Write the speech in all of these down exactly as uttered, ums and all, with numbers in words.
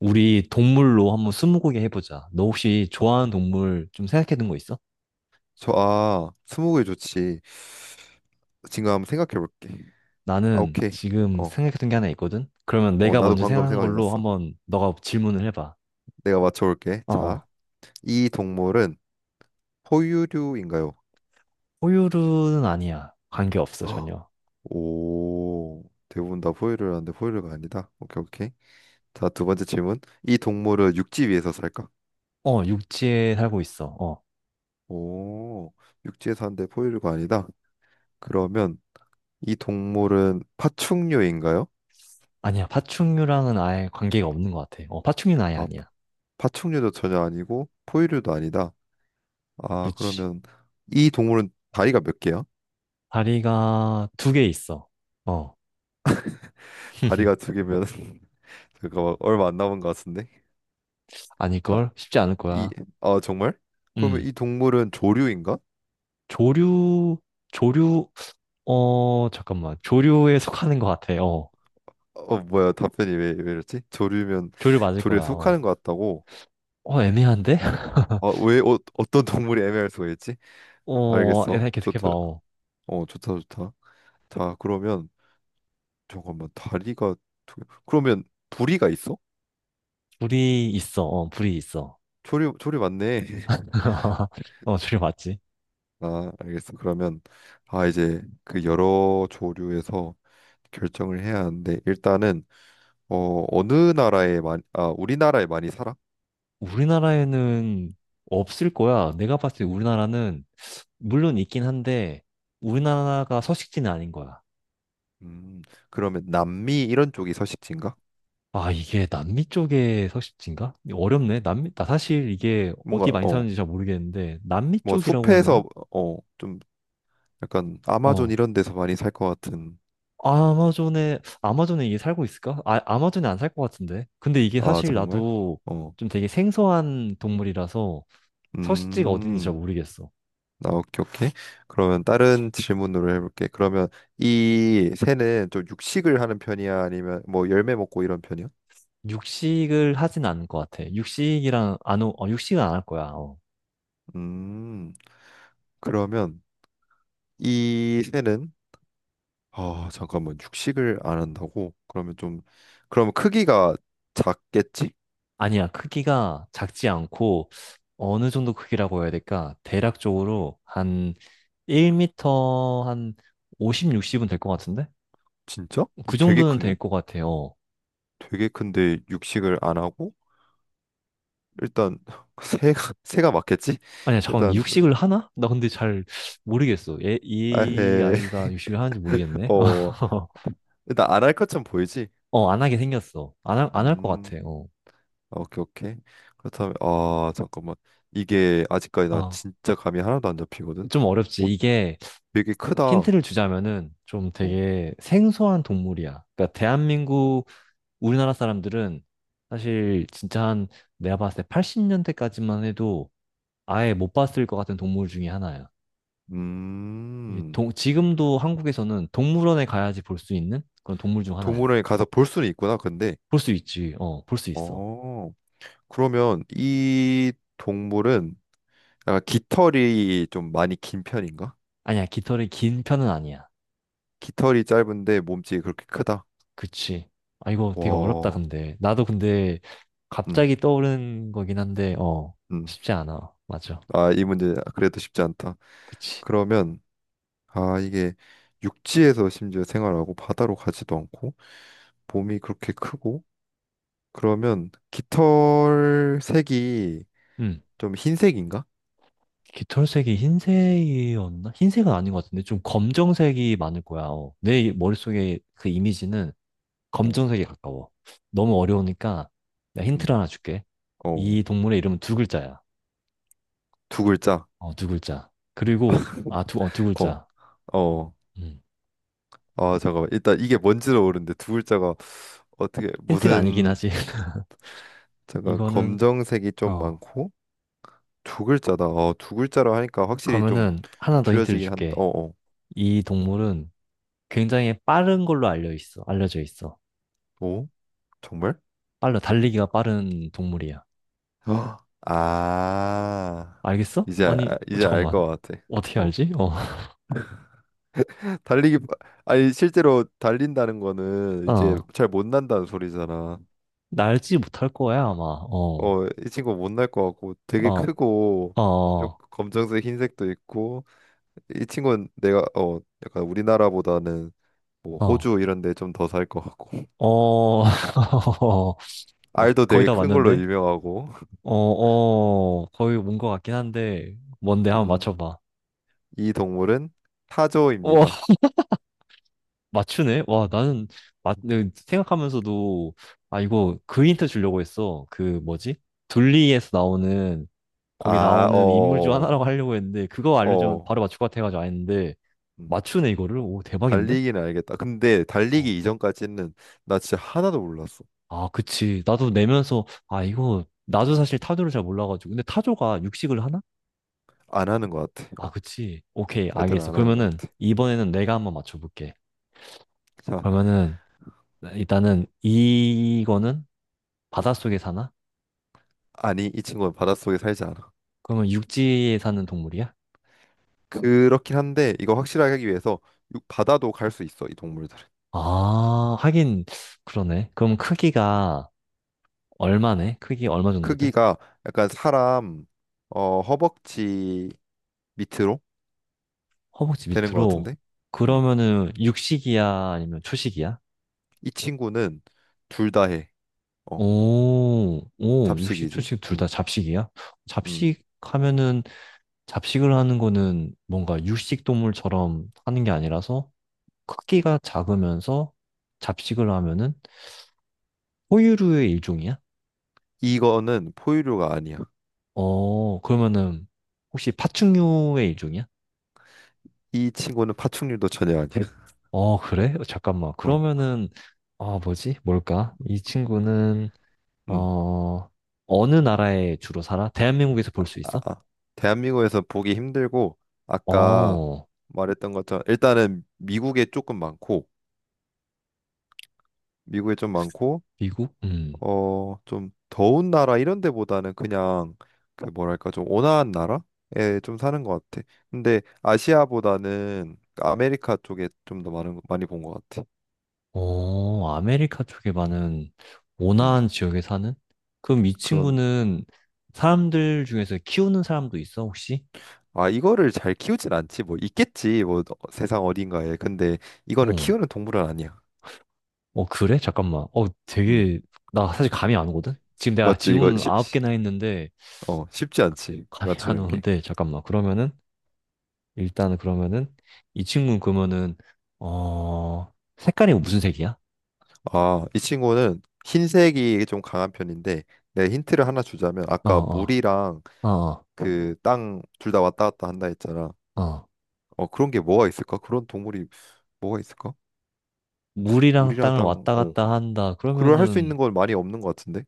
우리 동물로 한번 스무고개 해보자. 너 혹시 좋아하는 동물 좀 생각해둔 거 있어? 저, 아, 스무고개 좋지. 지금 한번 생각해 볼게. 아, 나는 오케이. 지금 어, 생각해둔 게 하나 있거든? 그러면 어, 내가 나도 먼저 방금 생각한 생각이 걸로 났어. 한번 너가 질문을 해봐. 내가 맞춰 볼게. 자, 어어. 이 동물은 포유류인가요? 포유류는 아니야. 관계없어, 헉, 전혀. 오, 대부분 다 포유류라는데 포유류가 아니다. 오케이, 오케이. 자, 두 번째 질문. 이 동물은 육지 위에서 살까? 어, 육지에 살고 있어. 어. 오, 육지에 사는데 포유류가 아니다. 그러면 이 동물은 파충류인가요? 아니야. 파충류랑은 아예 관계가 없는 것 같아. 어, 파충류는 아예 아, 아니야. 파충류도 전혀 아니고 포유류도 아니다. 아, 그렇지. 그러면 이 동물은 다리가 몇 개야? 다리가 두 개 있어. 어. 다리가 두 개면 잠깐만, 얼마 안 남은 것 같은데. 자, 아닐걸? 쉽지 않을 이, 거야. 아, 정말? 그러면 음. 이 동물은 조류인가? 조류, 조류, 어, 잠깐만. 조류에 속하는 것 같아. 어. 어, 뭐야, 답변이 왜, 왜 이랬지? 조류면 조류 맞을 거야. 조류에 어. 속하는 것 같다고. 어, 애매한데? 아, 왜, 어, 어떤 동물이 애매할 수가 있지? 어, 알겠어. 애매 계속해봐. 좋다. 어. 어, 좋다, 좋다. 자, 그러면 잠깐만 다리가 두 개. 그러면 부리가 있어? 불이 있어. 어, 불이 있어. 조류, 조류 맞네. 어, 조류 맞지? 아, 알겠어. 그러면, 아 이제 그 여러 조류에서 결정을 해야 하는데, 일단은 어 어느 나라에 많이, 아 우리나라에 많이 살아? 우리나라에는 없을 거야. 내가 봤을 때 우리나라는, 물론 있긴 한데, 우리나라가 서식지는 아닌 거야. 음 그러면 남미 이런 쪽이 서식지인가? 아, 이게 남미 쪽의 서식지인가? 어렵네. 남미, 나 사실 이게 어디 뭔가, 많이 어 사는지 잘 모르겠는데, 남미 뭐 쪽이라고 해야 되나? 숲에서 어 좀 약간 아마존 어, 이런 데서 많이 살 것 같은. 아마존에 아마존에 이게 살고 있을까? 아, 아마존에 안 살 것 같은데. 근데 이게 아, 사실 정말? 나도 어 좀 되게 생소한 동물이라서 서식지가 어딘지 잘 음. 모르겠어. 아, 오케이, 오케이. 그러면 다른 질문으로 해볼게. 그러면 이 새는 좀 육식을 하는 편이야? 아니면 뭐 열매 먹고 이런 편이야? 육식을 하진 않을 것 같아. 육식이랑 안, 어, 육식은 안 할 거야. 어. 음, 그러면 이 새는, 아, 잠깐만, 육식을 안 한다고? 그러면 좀 그러면 크기가 작겠지? 아니야. 크기가 작지 않고 어느 정도 크기라고 해야 될까? 대략적으로 한 일 미터 한 오십, 육십은 될 것 같은데? 진짜? 그 되게 정도는 될 크네. 것 같아요. 되게 큰데 육식을 안 하고 일단 새가 새가 맞겠지? 아니야, 잠깐 일단 육식을 하나? 나 근데 잘 모르겠어. 얘, 이 아헤 아이가 육식을 하는지 모르겠네. 어 일단 안 할 것처럼 보이지? 어, 안 하게 생겼어. 안 할, 안 할 것 음, 같아. 어. 오케이, 오케이. 그렇다면, 아, 잠깐만, 이게 아직까지 나 아, 진짜 감이 하나도 안 잡히거든. 좀 오, 어렵지. 이게 되게 크다. 힌트를 주자면은 좀 어, 되게 생소한 동물이야. 그러니까 대한민국 우리나라 사람들은 사실 진짜 한 내가 봤을 때 팔십 년대까지만 해도 아예 못 봤을 것 같은 동물 중에 하나야. 이게 음, 동- 지금도 한국에서는 동물원에 가야지 볼 수 있는 그런 동물 중 하나야. 동물원에 가서 볼 수는 있구나, 근데. 볼 수 있지. 어, 볼 수 있어. 어, 그러면 이 동물은 약간 깃털이 좀 많이 긴 편인가? 아니야, 깃털이 긴 편은 아니야. 깃털이 짧은데 몸집이 그렇게 크다. 그치. 아, 이거 되게 어렵다, 와. 근데. 나도 근데 음, 갑자기 떠오르는 거긴 한데, 어, 음. 쉽지 않아. 맞아. 아, 이 문제 그래도 쉽지 않다. 그치. 그러면, 아, 이게 육지에서 심지어 생활하고 바다로 가지도 않고 몸이 그렇게 크고, 그러면 깃털 색이 음. 좀 흰색인가? 깃털색이 흰색이었나? 흰색은 아닌 것 같은데, 좀 검정색이 많을 거야. 어. 내 머릿속에 그 이미지는 어, 검정색에 가까워. 너무 어려우니까, 내가 힌트를 음, 하나 줄게. 어, 이 동물의 이름은 두 글자야. 두 글자. 어, 두 글자. 그리고, 아, 두, 어, 두 어, 글자. 어. 음. 아, 잠깐만. 일단 이게 뭔지를 모르는데 두 글자가 어떻게 힌트가 아니긴 무슨, 하지. 잠깐, 이거는, 검정색이 좀 어, 많고 두 글자다. 어, 두 글자로 하니까 확실히 좀 그러면은 하나 더 힌트를 줄여지긴 한다. 줄게. 어, 어. 이 동물은 굉장히 빠른 걸로 알려 있어. 알려져 있어. 오? 정말? 빨라, 달리기가 빠른 동물이야. 아. 아. 알겠어? 이제 아니, 알- 어, 이제 알 잠깐만. 것 같아. 어떻게 어. 알지? 어, 달리기 빠- 아니, 실제로 달린다는 거는 이제 어, 잘 못 난다는 소리잖아. 날지 못할 거야, 아마. 어, 어, 이 친구 못날 것 같고 되게 어, 크고 어, 좀 어, 검정색 흰색도 있고, 이 친구는 내가, 어 약간 우리나라보다는 뭐 어, 호주 이런 데 좀 더 살 것 같고 어, 어, 알도 거의 되게 다 큰 걸로 맞는데? 유명하고 어, 어, 거의 온 것 같긴 한데, 뭔데? 한번 음, 맞춰봐. 이 동물은 어. 타조입니다. 맞추네? 와, 나는, 어. 맞, 네, 생각하면서도, 아, 이거 그 힌트 주려고 했어. 그, 뭐지? 둘리에서 나오는, 거기 아, 나오는 인물 중 어, 하나라고 하려고 했는데, 그거 알려주면 어, 바로 맞출 것 같아가지고 안 했는데, 음, 맞추네, 이거를? 오, 대박인데? 달리기는 알겠다. 근데 어. 달리기 이전까지는 나 진짜 하나도 몰랐어. 아, 그치. 나도 내면서, 아, 이거, 나도 사실 타조를 잘 몰라가지고. 근데 타조가 육식을 하나? 안 하는 것 같아. 아, 어, 그치. 오케이, 애들은 알겠어. 안 하는 것 그러면은, 같아. 이번에는 내가 한번 맞춰볼게. 자, 그러면은, 일단은, 이거는 바닷속에 사나? 아니, 이 친구는 바닷속에 살지 않아. 그러면 육지에 사는 동물이야? 그렇긴 한데 이거 확실하게 하기 위해서, 육- 바다도 갈 수 있어, 이 동물들. 아, 하긴 그러네. 그럼 크기가 얼마네? 크기 얼마 정도 돼? 크기가 약간 사람, 어, 허벅지 밑으로 허벅지 되는 것 밑으로. 같은데. 음. 그러면은 육식이야? 아니면 초식이야? 이 친구는 둘 다 해. 어, 오, 오, 육식, 잡식이지. 초식 둘 다 음. 잡식이야? 음. 잡식 하면은 잡식을 하는 거는 뭔가 육식 동물처럼 하는 게 아니라서 크기가 작으면서 잡식을 하면은 포유류의 일종이야? 이거는 포유류가 아니야. 어, 그러면은 혹시 파충류의 일종이야? 이 친구는 파충류도 전혀 아니야. 어, 그래? 어, 잠깐만. 어. 그러면은, 아, 뭐지? 뭘까? 이 친구는, 음. 어, 어느 나라에 주로 살아? 대한민국에서 아, 볼 수 있어? 아. 대한민국에서 보기 힘들고 아까 어, 말했던 것처럼, 일단은 미국에 조금 많고, 미국에 좀 많고, 미국? 음. 어, 좀 더운 나라 이런 데보다는 그냥 그 뭐랄까 좀 온화한 나라에 좀 사는 것 같아. 근데 아시아보다는 아메리카 쪽에 좀 더 많은 많이 본 것 같아. 어, 아메리카 쪽에 많은 음, 온화한 지역에 사는? 그럼 이 그런. 친구는 사람들 중에서 키우는 사람도 있어, 혹시? 아, 이거를 잘 키우진 않지, 뭐 있겠지 뭐, 어, 세상 어딘가에. 근데 이거는 어, 키우는 동물은 아니야. 어, 그래? 잠깐만. 어, 음, 되게, 나 사실 감이 안 오거든? 지금 내가 맞지, 이거. 질문 쉬, 아홉 쉬- 개나 했는데, 어 쉽지 않지, 감이 안 맞추는 게. 오는데, 잠깐만. 그러면은, 일단은 그러면은 이 친구는 그러면은 어 색깔이 무슨 색이야? 아, 이 친구는 흰색이 좀 강한 편인데, 내 힌트를 하나 주자면, 어, 아까 어, 물이랑 어, 그 땅 둘 다 왔다 갔다 한다 했잖아. 어. 어. 어 그런 게 뭐가 있을까? 그런 동물이 뭐가 있을까? 물이랑 물이랑 땅을 땅, 왔다 어 갔다 한다. 그걸 할 수 그러면은 있는 건 많이 없는 것 같은데.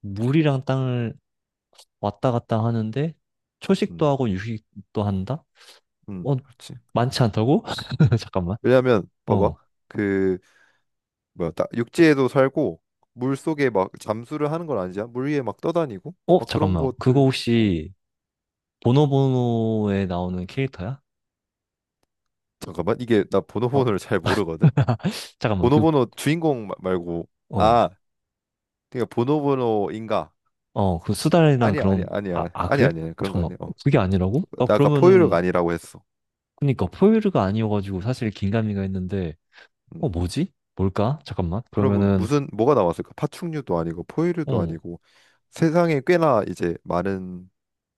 물이랑 땅을 왔다 갔다 하는데 초식도 음, 하고 육식도 한다? 음, 어, 그렇지. 많지 않다고? 잠깐만. 왜냐하면 봐봐, 어. 그 뭐야, 따- 육지에도 살고 물 속에 막 잠수를 하는 건 아니잖아. 물 위에 막 떠다니고 어, 막 그런 잠깐만. 그거 것들. 어 혹시 보노보노에 나오는 캐릭터야? 잠깐만, 이게 나 어, 보노보노를 잘 모르거든. 잠깐만. 그, 보노보노 주인공 마- 말고, 어. 아, 그러니까 보노보노인가? 어, 그 수달이랑 아니야, 아니야, 그런, 아니야, 아, 아, 그래? 아니야, 아니야, 그런 거 잠깐만. 아니야. 어. 그게 아니라고? 나 나 아까 포유류가 그러면은, 아니라고 했어. 그니까, 포유류가 아니어가지고 사실 긴가민가 했는데, 어, 음. 뭐지? 뭘까? 잠깐만. 그러면 그러면은, 무슨 뭐가 나왔을까? 파충류도 아니고 포유류도 어, 아니고, 세상에 꽤나 이제 많은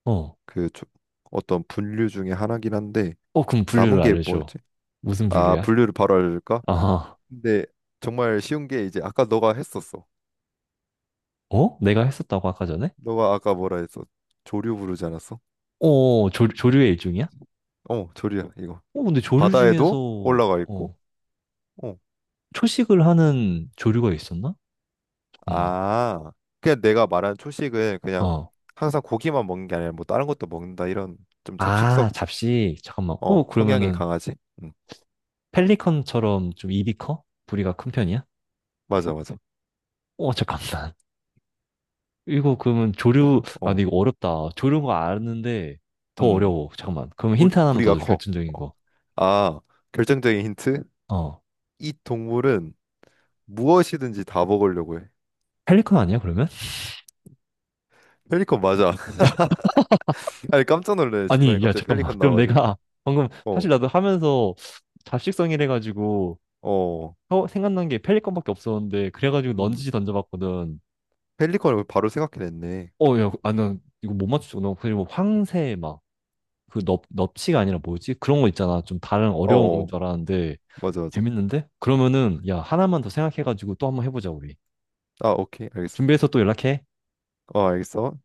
어, 그 조- 어떤 분류 중에 하나긴 한데. 어, 그럼 분류를 남은 게 알려줘. 뭐였지? 무슨 아, 분류야? 분류를 바로 알려줄까? 아, 근데 정말 쉬운 게 이제 아까 너가 했었어. 어? 내가 했었다고 아까 전에? 너가 아까 뭐라 했어? 조류 부르지 않았어? 어, 어, 조, 조류의 일종이야? 어, 조류야, 이거. 어, 근데 조류 중에서, 바다에도 올라가 있고. 어, 어. 초식을 하는 조류가 있었나? 잠깐만. 아, 그냥 내가 말한 초식은 그냥 어. 항상 고기만 먹는 게 아니라 뭐 다른 것도 먹는다 이런, 좀 잡식성, 아, 잡식. 잠깐만. 어 어, 성향이 그러면은, 강하지. 음. 펠리컨처럼 좀 입이 커? 부리가 큰 편이야? 맞아, 맞아. 어, 잠깐만. 이거 그러면 뿌리, 조류, 아, 어, 근데 이거 어렵다. 조류인 거 아는데 더 음, 어려워. 잠깐만. 그럼 뿌리, 힌트 하나만 더 뿌리가 줘, 커. 결정적인 어. 거. 아, 결정적인 힌트? 어. 이 동물은 무엇이든지 다 먹으려고 해. 펠리컨 아니야, 그러면? 펠리컨 맞아. 아니, 깜짝 놀래. 중간에 아니, 야, 갑자기 잠깐만. 펠리컨 그럼 나와가지고. 내가 방금 어, 사실 나도 하면서 잡식성이래가지고 어, 어, 생각난 게 펠리컨밖에 없었는데 그래가지고 음, 넌지시 던져봤거든. 펠리컨을 바로 생각해냈네. 어, 야, 아, 난 이거 못 맞추잖아. 그리고 황새 막, 그 넙, 넙치가 아니라 뭐지? 그런 거 있잖아. 좀 다른 어, 어려운 건 어, 줄 알았는데 맞아, 맞아. 재밌는데? 그러면은, 야, 하나만 더 생각해가지고 또 한번 해보자, 우리. 아, 오케이, 알겠어. 준비해서 또 연락해. 어, 알겠어.